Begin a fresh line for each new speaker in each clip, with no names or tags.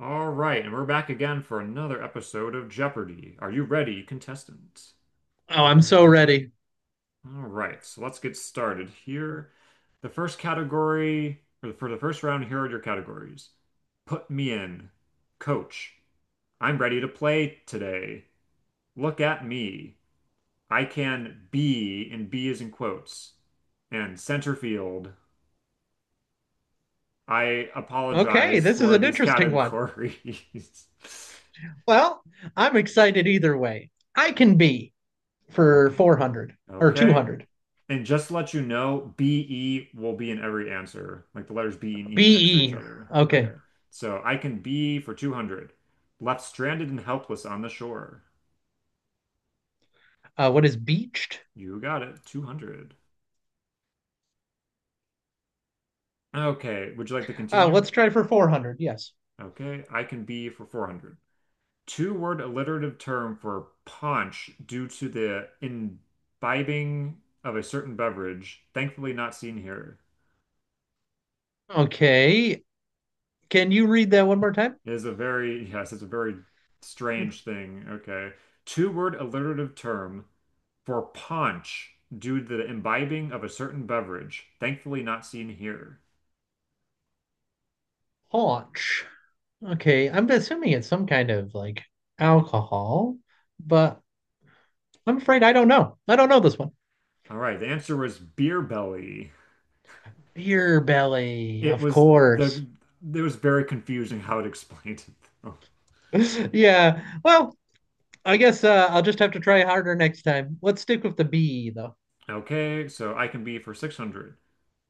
All right, and we're back again for another episode of Jeopardy! Are you ready, contestant?
Oh, I'm so ready.
All right, so let's get started here. The first category, or for the first round, here are your categories. Put me in. Coach, I'm ready to play today. Look at me. I can be, and be is in quotes. And center field. I
Okay,
apologize
this is
for
an
these
interesting one.
categories.
Well, I'm excited either way. I can be for
Okay,
400 or
okay.
200.
And just to let you know, BE will be in every answer, like the letters B and E next to each
BE.
other.
Okay.
Okay. So I can B for 200. Left stranded and helpless on the shore.
What is beached?
You got it. 200. Okay. Would you like to continue?
Let's try for 400. Yes.
Okay. I can B for 400. Two-word alliterative term for punch due to the imbibing of a certain beverage, thankfully not seen here.
Okay. Can you read that one more time?
Is a very, yes, it's a very strange thing. Okay. Two-word alliterative term for paunch due to the imbibing of a certain beverage, thankfully not seen here.
Haunch. Okay. I'm assuming it's some kind of like alcohol, but I'm afraid I don't know. I don't know this one.
All right, the answer was beer belly.
Beer belly,
It
of
was
course.
the it was very confusing how it explained it though.
Yeah. Well, I guess I'll just have to try harder next time. Let's stick with the bee, though.
Okay, so I can be for 600.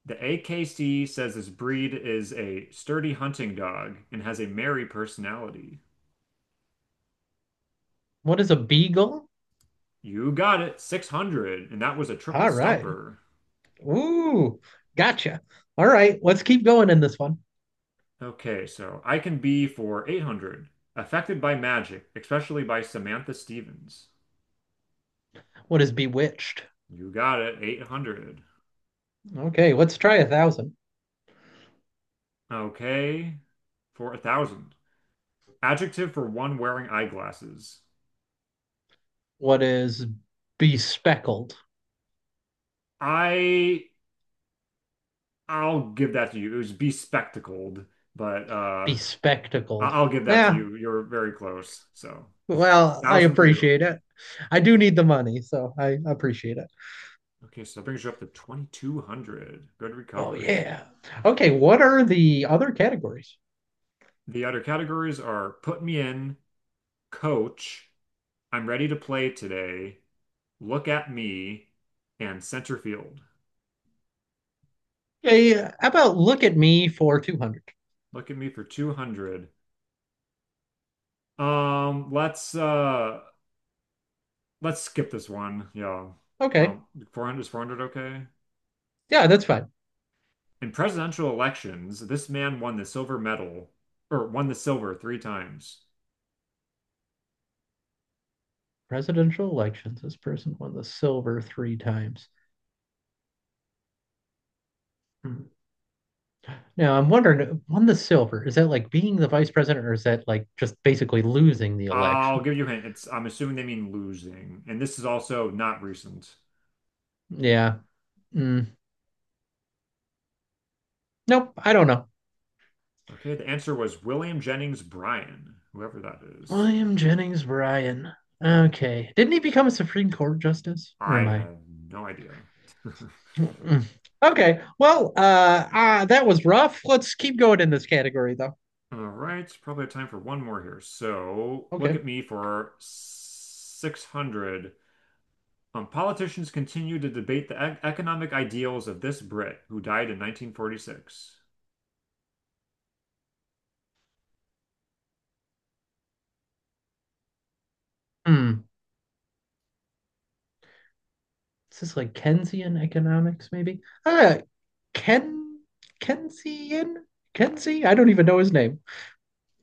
The AKC says this breed is a sturdy hunting dog and has a merry personality.
What is a beagle?
You got it, 600, and that was a triple
All right.
stumper.
Ooh, gotcha. All right, let's keep going in this one.
Okay, so I can be for 800. Affected by magic, especially by Samantha Stevens.
What is bewitched?
You got it, 800.
Okay, let's try 1,000.
Okay, for a 1,000. Adjective for one wearing eyeglasses.
What is bespeckled?
I I'll give that to you. It was bespectacled, but
Bespectacled.
I'll give that to
Yeah,
you. You're very close. So,
well, I
1,000 for you.
appreciate it. I do need the money, so I appreciate it.
Okay, so that brings you up to 2,200. Good
Oh,
recovery.
yeah. Okay, what are the other categories?
The other categories are put me in, coach, I'm ready to play today. Look at me and center field.
Okay, how about look at me for 200?
Look at me for 200. Um, let's uh let's skip this one. Yeah.
Okay,
Um, 400 is 400 okay?
yeah, that's fine.
In presidential elections, this man won the silver medal or won the silver three times.
Presidential elections. This person won the silver three times. Hmm. Now I'm wondering, won the silver? Is that like being the vice president, or is that like just basically losing the
I'll
election?
give you a hint. It's I'm assuming they mean losing. And this is also not recent.
Yeah. Mm. Nope. I don't know.
Okay, the answer was William Jennings Bryan, whoever that is.
William Jennings Bryan. Okay. Didn't he become a Supreme Court justice? Or
I
am I?
have no idea.
Mm-mm. Okay. Well, that was rough. Let's keep going in this category, though.
All right, probably have time for one more here. So look
Okay.
at me for 600. Politicians continue to debate the e economic ideals of this Brit who died in 1946.
Hmm. Is this like Keynesian economics, maybe? Ah, Ken Keynesian? Kenzie? I don't even know his name,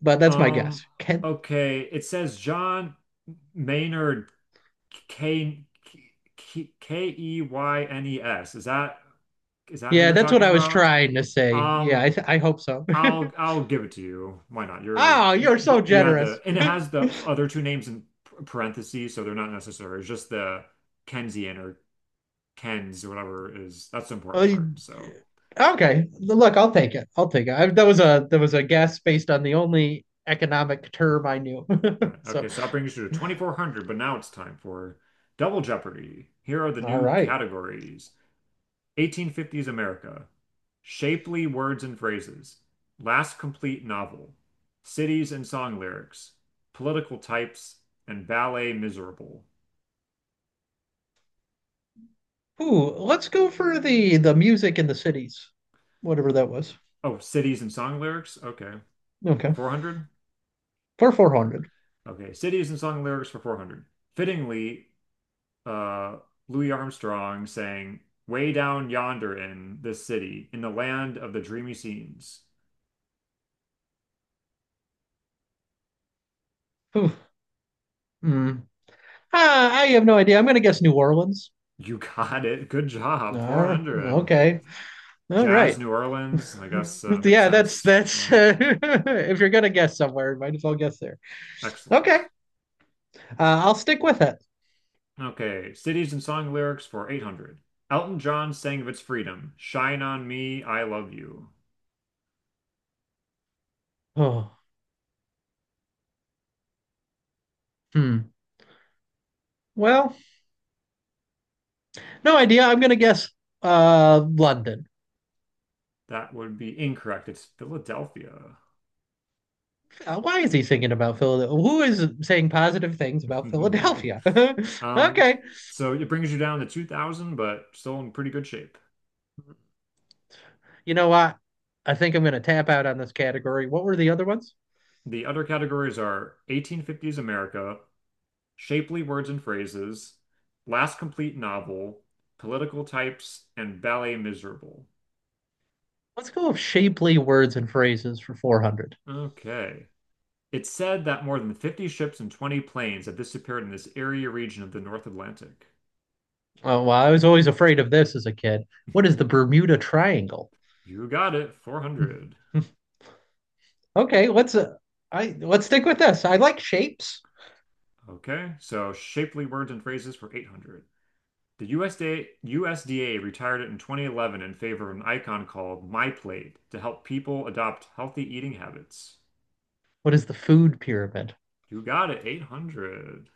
but that's my
Um,
guess. Ken.
okay, it says John Maynard K K K E Y N E S. Is that who
Yeah,
you're
that's what
talking
I was
about?
trying to say. Yeah,
Um,
I hope so.
I'll give it to you. Why not? You're
Oh,
you,
you're so
you you had the
generous.
and it has the other two names in parentheses, so they're not necessary. It's just the Kensian or Kens or whatever is that's the
Well,
important part. So
Okay, look, I'll take it. I'll take it. I, that was a guess based on the only economic term I knew.
right.
So,
Okay, so that brings you to 2,400, but now it's time for Double Jeopardy. Here are the
all
new
right.
categories. 1850s America, shapely words and phrases, last complete novel, cities and song lyrics, political types, and ballet miserable.
Ooh, let's go for the music in the cities, whatever that was.
Oh, cities and song lyrics? Okay. For
Okay,
400?
for 400.
Okay. Cities and song lyrics for 400. Fittingly, uh, Louis Armstrong sang, Way down yonder in this city, in the land of the dreamy scenes.
Ooh, Hmm. Ah, I have no idea. I'm going to guess New Orleans.
You got it. Good job.
Ah,
400.
okay. All
Jazz
right.
New Orleans, I guess makes
Yeah, that's
sense.
that's if you're going to guess somewhere, might as well guess there.
Excellent.
Okay. I'll stick with it.
Okay. Cities and song lyrics for 800. Elton John sang of its freedom, Shine on me, I love you.
Oh, hmm. Well, no idea. I'm going to guess London.
That would be incorrect. It's Philadelphia.
Why is he thinking about Philadelphia? Who is saying positive things about Philadelphia?
Um,
Okay.
so it brings you down to 2000, but still in pretty good shape.
You know what? I think I'm going to tap out on this category. What were the other ones?
The other categories are 1850s America, shapely words and phrases, last complete novel, political types, and ballet miserable.
Let's go with shapely words and phrases for 400.
Okay. It's said that more than 50 ships and 20 planes have disappeared in this area region of the North Atlantic.
Oh, well, I was always afraid of this as a kid. What is the Bermuda Triangle?
You got it, 400.
Okay, let's stick with this. I like shapes.
Okay, so shapely words and phrases for 800. The USDA, retired it in 2011 in favor of an icon called MyPlate to help people adopt healthy eating habits.
What is the food pyramid?
You got it, 800.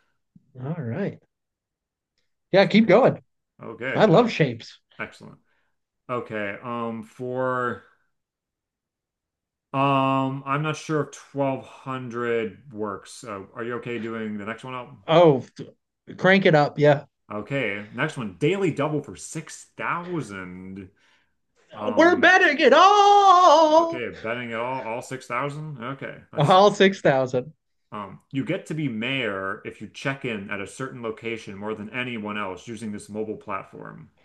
All right. Yeah,
So
keep going. I
okay, yeah,
love shapes.
excellent. Okay, for I'm not sure if 1,200 works. Are you okay doing the next one up?
Oh, crank it up. Yeah.
Okay, next one, daily double for 6,000.
We're
Um,
betting it all.
okay, betting it all 6,000? Okay, let's
All
see.
6,000.
You get to be mayor if you check in at a certain location more than anyone else using this mobile platform.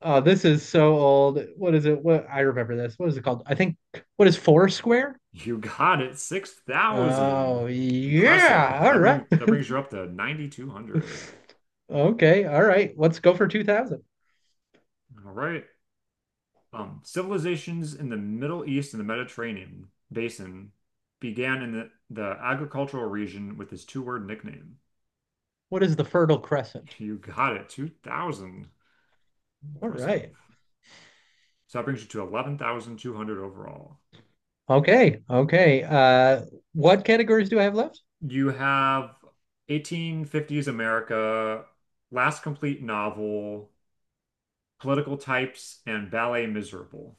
Oh, this is so old. What is it? What I remember this. What is it called? I think what is Foursquare?
You got it, 6,000.
Oh, yeah.
Impressive.
All
That
right.
brings that brings you up to 9,200.
Okay, all right. Let's go for 2000.
All right. Civilizations in the Middle East and the Mediterranean basin began in the agricultural region with this two-word nickname.
What is the Fertile Crescent?
You got it, 2,000.
All
Impressive.
right.
So that brings you to 11,200 overall.
Okay, okay. What categories do I have left?
You have 1850s America, last complete novel, political types, and ballet miserable.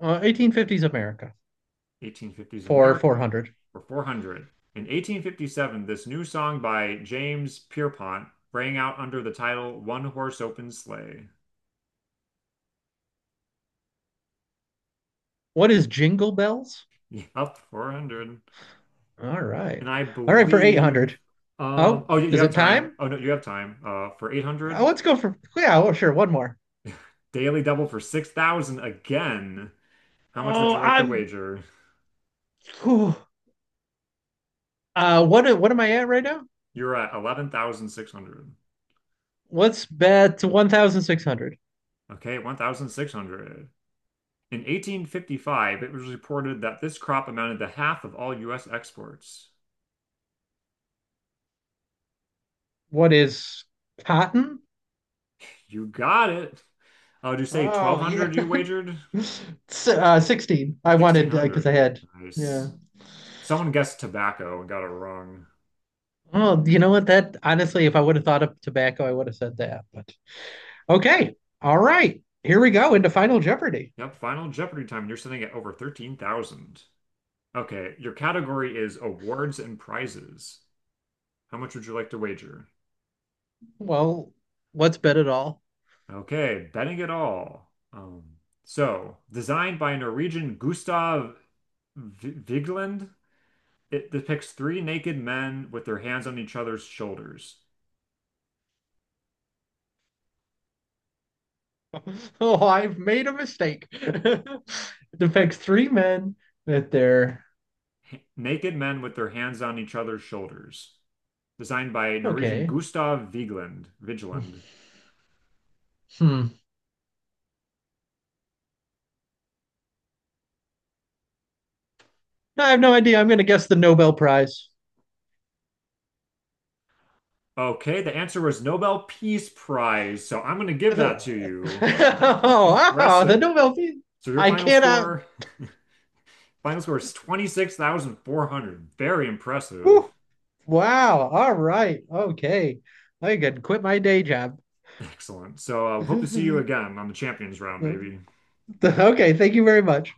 1850s America
1850s
for
America
400.
for 400. In 1857, this new song by James Pierpont rang out under the title One Horse Open Sleigh.
What is Jingle Bells?
Yup, 400.
All right.
And I
All right, for
believe,
800. Oh,
oh, you
is
have
it
time.
time?
Oh, no, you have time for 800.
Let's go for, yeah, well, sure, one more.
Daily double for 6,000 again. How much would
Oh,
you like the wager?
whew. What am I at right now?
You're at 11,600.
Let's bet 1600.
Okay, 1,600. In 1855, it was reported that this crop amounted to half of all U.S. exports.
What is cotton?
You got it. Oh, did you say
Oh yeah.
1,200 you wagered?
16. I wanted because
1,600.
I had yeah.
Nice. Someone guessed tobacco and got it wrong.
Oh, you know what? That honestly, if I would have thought of tobacco, I would have said that. But okay. All right. Here we go into Final Jeopardy.
Yep, Final Jeopardy time. You're sitting at over 13,000. Okay, your category is awards and prizes. How much would you like to wager?
Well, what's bet it all?
Okay, betting it all. So, designed by Norwegian Gustav Vigeland, it depicts three naked men with their hands on each other's shoulders.
Oh, I've made a mistake. It affects three men that they're
Naked men with their hands on each other's shoulders. Designed by Norwegian
okay.
Gustav Vigeland. Vigeland.
Hmm. I have no idea. I'm gonna guess the Nobel Prize.
Okay, the answer was Nobel Peace Prize, so I'm going to give that to you.
Oh, wow, the
Impressive.
Nobel Peace.
So your
I
final
cannot.
score, final score is 26,400. Very impressive.
Wow. All right. Okay. I can quit my day job.
Excellent. So hope to see you again on the champions round, maybe.
Okay. Thank you very much.